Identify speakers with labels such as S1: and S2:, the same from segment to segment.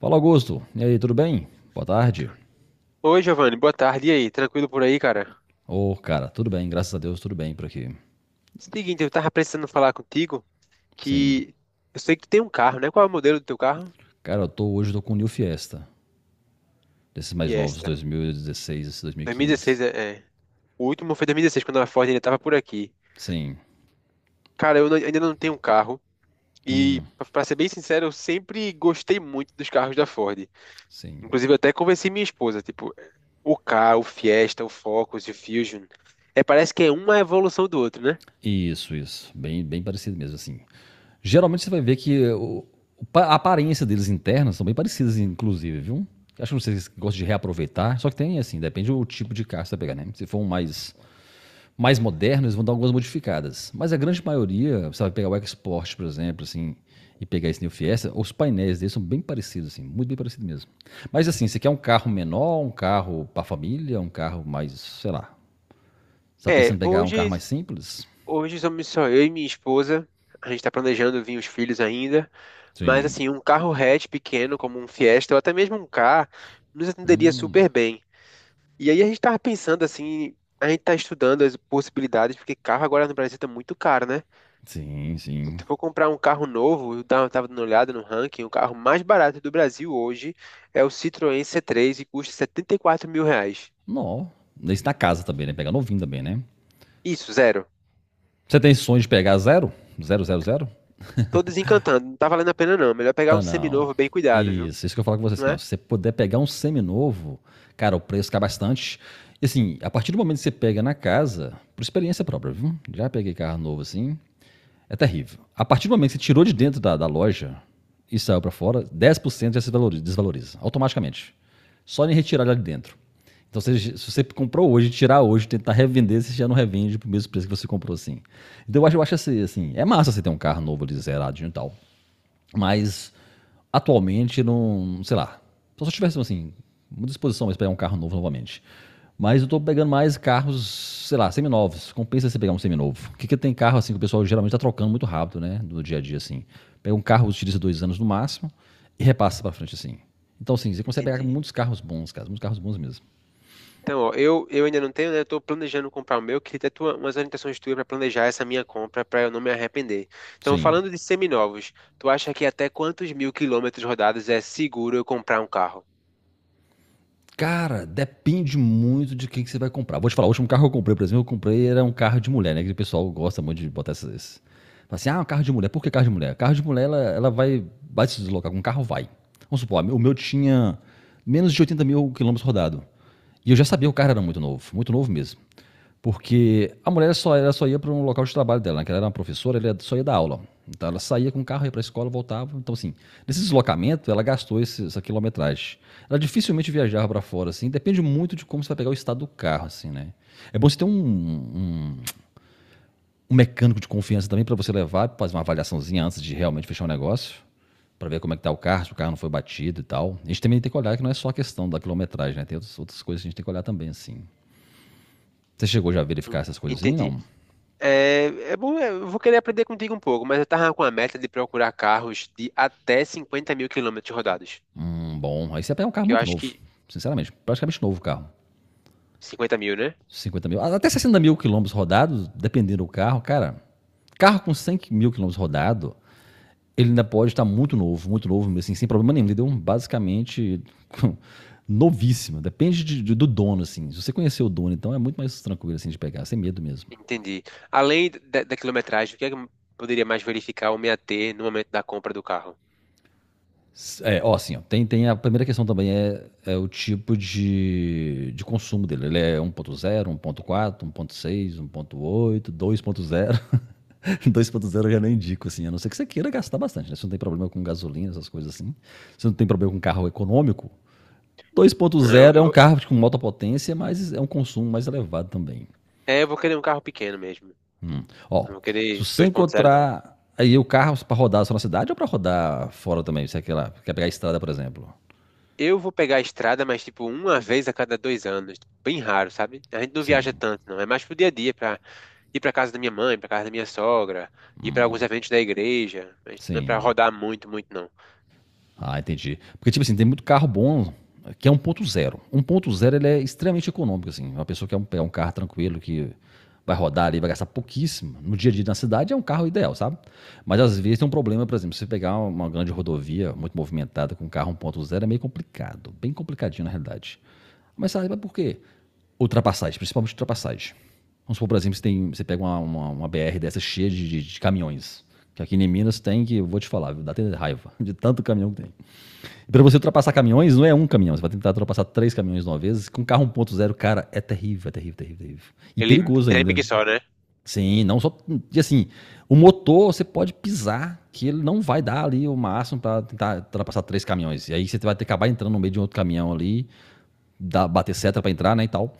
S1: Fala Augusto, e aí, tudo bem? Boa tarde.
S2: Oi, Giovanni, boa tarde. E aí, tranquilo por aí, cara?
S1: Ô, cara, tudo bem, graças a Deus, tudo bem por aqui.
S2: Seguinte, eu tava precisando falar contigo
S1: Sim,
S2: que eu sei que tu tem um carro, né? Qual é o modelo do teu carro?
S1: cara, eu tô, hoje eu tô com o New Fiesta, desses mais novos,
S2: Fiesta.
S1: 2016, esse 2015.
S2: 2016, é, é. O último foi 2016, quando a Ford ainda tava por aqui.
S1: Sim,
S2: Cara, eu não- ainda não tenho um carro. E, pra ser bem sincero, eu sempre gostei muito dos carros da Ford.
S1: sim.
S2: Inclusive, eu até convenci minha esposa, tipo, o Ka, o Fiesta, o Focus e o Fusion. É, parece que é uma evolução do outro, né?
S1: Isso, bem, bem parecido mesmo, assim. Geralmente você vai ver que a aparência deles internas são bem parecidas, inclusive, viu? Acho que vocês gostam de reaproveitar, só que tem, assim, depende do tipo de carro que você vai pegar, né? Se for um mais modernos, eles vão dar algumas modificadas. Mas a grande maioria, você vai pegar o Export, por exemplo, assim, e pegar esse New Fiesta, os painéis deles são bem parecidos, assim, muito bem parecidos mesmo. Mas assim, você quer um carro menor, um carro para família, um carro mais, sei lá. Você tá pensando
S2: É,
S1: em pegar um carro
S2: hoje.
S1: mais simples?
S2: Hoje somos só eu e minha esposa. A gente está planejando vir os filhos ainda, mas
S1: Sim,
S2: assim, um carro hatch pequeno, como um Fiesta, ou até mesmo um Ka, nos atenderia super bem. E aí a gente estava pensando assim, a gente está estudando as possibilidades, porque carro agora no Brasil está muito caro, né?
S1: sim,
S2: Se
S1: sim.
S2: tu for comprar um carro novo, eu tava dando uma olhada no ranking, o carro mais barato do Brasil hoje é o Citroën C3 e custa R$ 74.000.
S1: Não. Isso na casa também, né? Pegar novinho também, né?
S2: Isso, zero.
S1: Você tem sonho de pegar zero? Zero, zero, zero?
S2: Tô desencantando, não tá valendo a pena não. Melhor pegar um
S1: Tá não.
S2: seminovo bem cuidado, viu?
S1: Isso que eu falo com você
S2: Não
S1: assim, ó,
S2: é?
S1: se você puder pegar um seminovo, cara, o preço cai bastante. E assim, a partir do momento que você pega na casa, por experiência própria, viu? Já peguei carro novo assim, é terrível. A partir do momento que você tirou de dentro da loja e saiu pra fora, 10% já se valoriza, desvaloriza, automaticamente. Só em retirar lá de dentro. Então, se você comprou hoje, tirar hoje, tentar revender, você já não revende pro mesmo preço que você comprou assim. Então, eu acho assim, assim, é massa você ter um carro novo ali zeradinho e tal. Mas atualmente não, sei lá. Só se eu tivesse assim, uma disposição para pegar um carro novo novamente. Mas eu tô pegando mais carros, sei lá, seminovos. Compensa você pegar um seminovo. Porque que tem carro assim que o pessoal geralmente tá trocando muito rápido, né? No dia a dia, assim. Pega um carro, utiliza dois anos no máximo e repassa para frente, assim. Então, assim, você consegue pegar
S2: Entendi.
S1: muitos carros bons, cara. Muitos carros bons mesmo.
S2: Então, ó, eu ainda não tenho, né? Eu tô planejando comprar o meu, queria ter tua, umas orientações tuas para planejar essa minha compra, para eu não me arrepender. Então,
S1: Sim.
S2: falando de seminovos, tu acha que até quantos mil quilômetros rodados é seguro eu comprar um carro?
S1: Cara, depende muito de quem que você vai comprar. Vou te falar, o último carro que eu comprei, por exemplo, eu comprei era um carro de mulher, né? Que o pessoal gosta muito de botar esses. Fala assim, ah, um carro de mulher. Por que carro de mulher? Carro de mulher, ela vai, vai se deslocar. Com um carro, vai. Vamos supor, o meu tinha menos de 80 mil quilômetros rodado. E eu já sabia que o carro era muito novo mesmo. Porque a mulher só, ela só ia para um local de trabalho dela, né? Ela era uma professora, ela só ia dar aula. Então ela saía com o carro, ia para a escola, voltava. Então, assim, nesse deslocamento, ela gastou essa quilometragem. Ela dificilmente viajava para fora, assim. Depende muito de como você vai pegar o estado do carro, assim, né? É bom você ter um mecânico de confiança também para você levar, para fazer uma avaliaçãozinha antes de realmente fechar o negócio. Para ver como é que tá o carro, se o carro não foi batido e tal. A gente também tem que olhar que não é só a questão da quilometragem, né? Tem outras, outras coisas que a gente tem que olhar também, assim. Você chegou já a verificar
S2: En-
S1: essas coisas assim?
S2: Entendi.
S1: Não.
S2: É, é bom, é, eu vou querer aprender contigo um pouco, mas eu tava com a meta de procurar carros de até 50 mil quilômetros rodados,
S1: Bom, aí você pega um carro
S2: que eu
S1: muito
S2: acho
S1: novo,
S2: que
S1: sinceramente, praticamente novo o carro.
S2: 50 mil, né?
S1: 50 mil, até 60 mil quilômetros rodados, dependendo do carro, cara. Carro com 100 mil quilômetros rodado, ele ainda pode estar muito novo, assim, sem problema nenhum, entendeu? Basicamente, novíssimo. Depende do dono, assim. Se você conhecer o dono, então é muito mais tranquilo, assim, de pegar, sem medo mesmo.
S2: Entendi. Além da quilometragem, o que é que eu poderia mais verificar ou me ater no momento da compra do carro?
S1: É, ó, assim, ó, tem a primeira questão também é, é o tipo de consumo dele. Ele é 1.0, 1.4, 1.6, 1.8, 2.0. 2.0 eu já nem indico, assim, a não ser que você queira gastar bastante, né? Você não tem problema com gasolina, essas coisas assim. Você não tem problema com carro econômico.
S2: Né,
S1: 2.0 é um
S2: eu
S1: carro com alta potência, mas é um consumo mais elevado também.
S2: é, eu vou querer um carro pequeno mesmo.
S1: Hum. Ó,
S2: Não vou
S1: se
S2: querer
S1: você
S2: 2.0 não.
S1: encontrar aí o carro para rodar só na cidade ou para rodar fora também, se é aquela, quer pegar a estrada, por exemplo.
S2: Eu vou pegar a estrada, mas tipo uma vez a cada 2 anos. Bem raro, sabe? A gente não viaja
S1: Sim.
S2: tanto, não. É mais pro dia a dia, pra ir pra casa da minha mãe, pra casa da minha sogra, ir pra alguns eventos da igreja. Mas não é pra
S1: Sim.
S2: rodar muito, muito, não.
S1: Ah, entendi. Porque, tipo assim, tem muito carro bom que é um um ponto zero ele é extremamente econômico, assim. Uma pessoa que quer pegar um carro tranquilo, que vai rodar ali, vai gastar pouquíssimo. No dia a dia na cidade é um carro ideal, sabe? Mas às vezes tem um problema, por exemplo, se você pegar uma grande rodovia muito movimentada com um carro um ponto zero é meio complicado. Bem complicadinho, na realidade. Mas sabe por quê? Ultrapassagem, principalmente ultrapassagem. Vamos supor, por exemplo, você pega uma BR dessa cheia de caminhões. Que aqui em Minas tem que, eu vou te falar, viu, dá até raiva de tanto caminhão que tem. E pra você ultrapassar caminhões, não é um caminhão. Você vai tentar ultrapassar três caminhões de uma vez. Com carro 1.0, cara, é terrível, terrível, terrível. E
S2: Ele
S1: perigoso
S2: treme
S1: ainda.
S2: que só, né?
S1: Sim, não só. E assim, o motor você pode pisar, que ele não vai dar ali o máximo para tentar ultrapassar três caminhões. E aí você vai ter que acabar entrando no meio de um outro caminhão ali, dar, bater seta para entrar, né? E tal.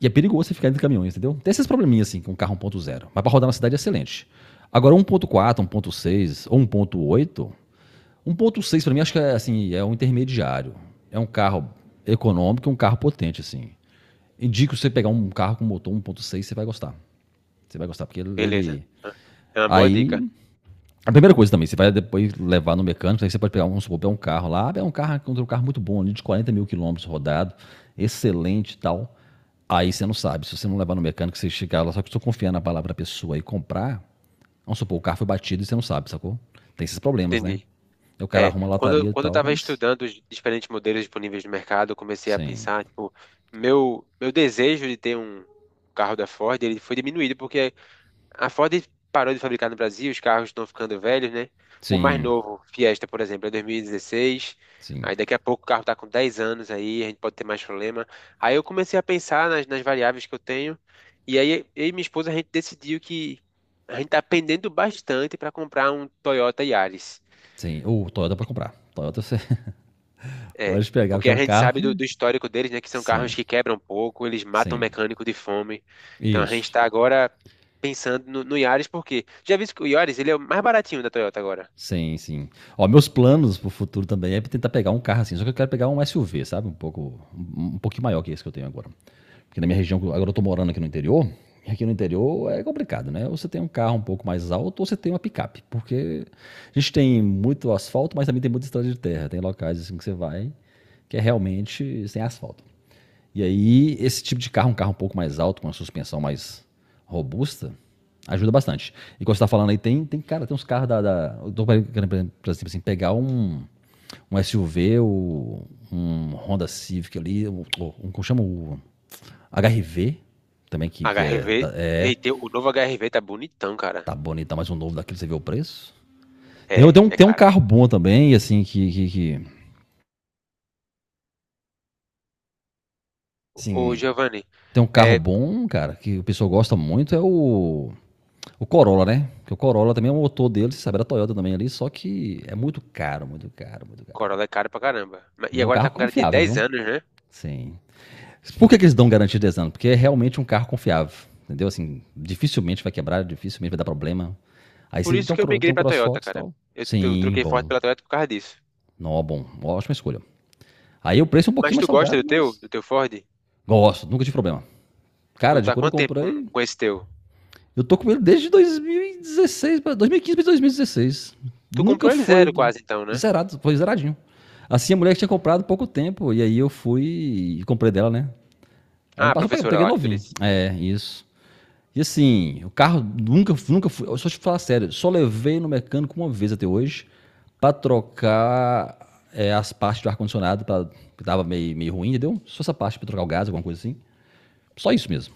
S1: E é perigoso você ficar entre caminhões, entendeu? Tem esses probleminhas assim com um carro 1.0. Mas para rodar na cidade é excelente. Agora 1.4, 1.6 ou 1.8. 1.6 para mim acho que é assim, é um intermediário. É um carro econômico, um carro potente assim. Indico você pegar um carro com motor 1.6, você vai gostar. Você vai gostar porque ele,
S2: Beleza.
S1: ele
S2: Ah, é uma boa dica.
S1: Aí, a primeira coisa também, você vai depois levar no mecânico, aí você pode pegar, um, vamos supor, pegar um carro lá, ah, um carro muito bom ali, de 40 mil quilômetros rodado, excelente e tal. Aí você não sabe, se você não levar no mecânico, você chegar lá, só que estou confiando na palavra da pessoa e comprar, vamos supor, o carro foi batido e você não sabe, sacou? Tem esses problemas, né?
S2: Entendi.
S1: Aí o cara
S2: É,
S1: arruma a
S2: quando,
S1: lataria e
S2: quando eu
S1: tal,
S2: estava
S1: mas
S2: estudando os diferentes modelos disponíveis no mercado, eu comecei a
S1: sim,
S2: pensar, tipo, meu desejo de ter um carro da Ford, ele foi diminuído, porque a Ford parou de fabricar no Brasil, os carros estão ficando velhos, né? O mais
S1: sim,
S2: novo, Fiesta, por exemplo, é 2016.
S1: sim,
S2: Aí daqui a pouco o carro está com 10 anos aí, a gente pode ter mais problema. Aí eu comecei a pensar nas variáveis que eu tenho. E aí eu e minha esposa a gente decidiu que a gente está pendendo bastante para comprar um Toyota Yaris.
S1: sim. Ou Toyota pra comprar. Toyota você
S2: É,
S1: pode pegar, porque
S2: porque
S1: é
S2: a
S1: um
S2: gente
S1: carro
S2: sabe do,
S1: que...
S2: do histórico deles, né, que são carros
S1: Sim,
S2: que quebram pouco, eles matam
S1: sim,
S2: mecânico de fome. Então a gente
S1: isso.
S2: tá agora pensando no Yaris, porque já visto que o Yaris, ele é o mais baratinho da Toyota agora.
S1: Sim, sim. Ó, meus planos pro futuro também é tentar pegar um carro assim, só que eu quero pegar um SUV, sabe? Um pouco, um pouquinho maior que esse que eu tenho agora. Porque na minha região, agora eu tô morando aqui no interior, e aqui no interior é complicado, né? Ou você tem um carro um pouco mais alto, ou você tem uma picape, porque a gente tem muito asfalto, mas também tem muita estrada de terra, tem locais assim que você vai que é realmente sem asfalto. E aí, esse tipo de carro um pouco mais alto, com uma suspensão mais robusta, ajuda bastante. E quando você tá falando aí, tem cara, tem uns carros da eu tô querendo, por exemplo, tipo assim, pegar um, um SUV, ou um Honda Civic ali, um, como chama o HRV, também, que é,
S2: HRV,
S1: é.
S2: e tem, o novo HRV tá bonitão, cara.
S1: Tá bonito, mas um novo daquele, você vê o preço.
S2: É, é
S1: Tem um
S2: caro.
S1: carro bom também, assim, que
S2: Ô,
S1: assim,
S2: Giovanni,
S1: tem um carro
S2: é,
S1: bom, cara, que o pessoal gosta muito, é o. O Corolla, né? Porque o Corolla também é um motor dele, você sabe, da Toyota também ali, só que é muito caro, muito caro, muito caro.
S2: Corolla é caro pra caramba.
S1: Mas
S2: E
S1: é um
S2: agora tá
S1: carro
S2: com garantia de
S1: confiável,
S2: 10
S1: viu?
S2: anos, né?
S1: Sim. Por que eles dão garantia de 10 anos? Porque é realmente um carro confiável, entendeu? Assim, dificilmente vai quebrar, dificilmente vai dar problema. Aí
S2: Por
S1: você
S2: isso que eu migrei
S1: tem um
S2: pra Toyota,
S1: CrossFox e
S2: cara.
S1: tal.
S2: Eu
S1: Sim,
S2: troquei Ford
S1: bom.
S2: pela Toyota por causa disso.
S1: Não, bom. Ótima escolha. Aí o preço é um
S2: Mas
S1: pouquinho mais
S2: tu gosta
S1: salgado,
S2: do
S1: mas
S2: teu Ford?
S1: gosto, nunca tive problema. Cara,
S2: Tu
S1: de
S2: tá há
S1: quando eu
S2: quanto tempo
S1: comprei,
S2: com esse teu?
S1: eu tô com ele desde 2016, 2015 pra 2016.
S2: Tu
S1: Nunca
S2: comprou ele
S1: foi
S2: zero quase então, né?
S1: zerado, foi zeradinho. Assim, a mulher que tinha comprado há pouco tempo, e aí eu fui e comprei dela, né? Ela
S2: Ah,
S1: me
S2: a
S1: passou, eu
S2: professora
S1: peguei
S2: lá que tu
S1: novinho.
S2: disse.
S1: É, isso. E assim, o carro nunca, nunca fui. Só te falar sério, só levei no mecânico uma vez até hoje pra trocar é, as partes do ar-condicionado, que tava meio, meio ruim, entendeu? Só essa parte pra trocar o gás, alguma coisa assim. Só isso mesmo.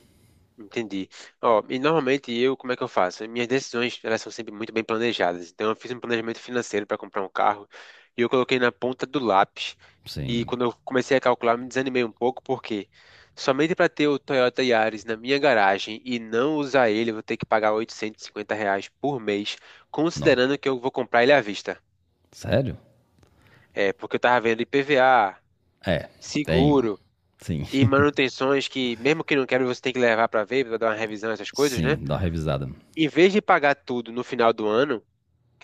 S2: Entendi. Ó, e normalmente eu, como é que eu faço? Minhas decisões, elas são sempre muito bem planejadas. Então eu fiz um planejamento financeiro para comprar um carro e eu coloquei na ponta do lápis. E
S1: Sim,
S2: quando eu comecei a calcular, me desanimei um pouco porque somente para ter o Toyota Yaris na minha garagem e não usar ele, eu vou ter que pagar R$ 850 por mês,
S1: não.
S2: considerando que eu vou comprar ele à vista.
S1: Sério?
S2: É, porque eu tava vendo IPVA,
S1: É, tem.
S2: seguro,
S1: Sim,
S2: e manutenções que, mesmo que não queira, você tem que levar para ver, para dar uma revisão, essas coisas, né?
S1: sim, dá uma revisada.
S2: Em vez de pagar tudo no final do ano,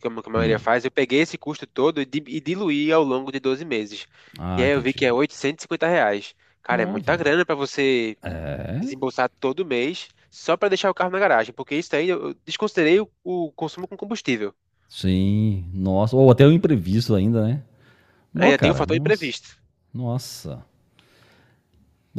S2: como que a maioria
S1: Hum.
S2: faz, eu peguei esse custo todo e, e diluí ao longo de 12 meses. E
S1: Ah,
S2: aí eu vi que
S1: entendi.
S2: é R$ 850. Cara, é muita
S1: Nova.
S2: grana para você
S1: É?
S2: desembolsar todo mês só para deixar o carro na garagem, porque isso aí eu desconsiderei o consumo com combustível.
S1: Sim, nossa. Ou até o imprevisto ainda, né? Nó,
S2: Ainda tem o
S1: cara,
S2: fator
S1: nossa.
S2: imprevisto.
S1: Nossa.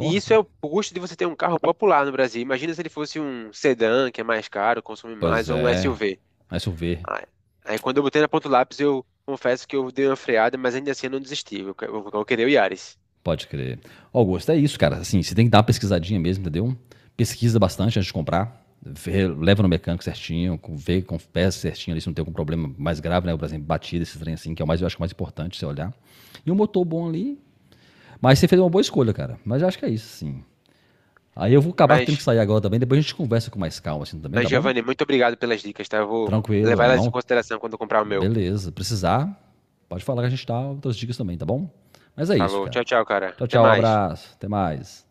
S2: E isso é o custo de você ter um carro popular no Brasil. Imagina se ele fosse um sedã, que é mais caro, consome
S1: Pois
S2: mais, ou um
S1: é.
S2: SUV.
S1: Mas eu ver.
S2: Aí, aí quando eu botei na ponta do lápis, eu confesso que eu dei uma freada, mas ainda assim eu não desisti. Eu, eu queria o Yaris.
S1: Pode crer. Ó, Augusto, é isso, cara. Assim, você tem que dar uma pesquisadinha mesmo, entendeu? Pesquisa bastante antes de comprar. Vê, leva no mecânico certinho, vê com peça certinho ali se não tem algum problema mais grave, né? Por exemplo, batida, esse trem assim, que é o mais, eu acho que é o mais importante você olhar. E um motor bom ali, mas você fez uma boa escolha, cara. Mas eu acho que é isso, sim. Aí eu vou acabar tendo que
S2: Mas,
S1: sair agora também. Depois a gente conversa com mais calma, assim, também,
S2: mas,
S1: tá bom?
S2: Giovanni, muito obrigado pelas dicas, tá? Eu vou levar
S1: Tranquilo,
S2: elas em
S1: não?
S2: consideração quando eu comprar o meu.
S1: Beleza. Precisar, pode falar que a gente dá outras dicas também, tá bom? Mas é isso,
S2: Falou.
S1: cara.
S2: Tchau, tchau, cara.
S1: Tchau,
S2: Até
S1: tchau.
S2: mais.
S1: Abraço. Até mais.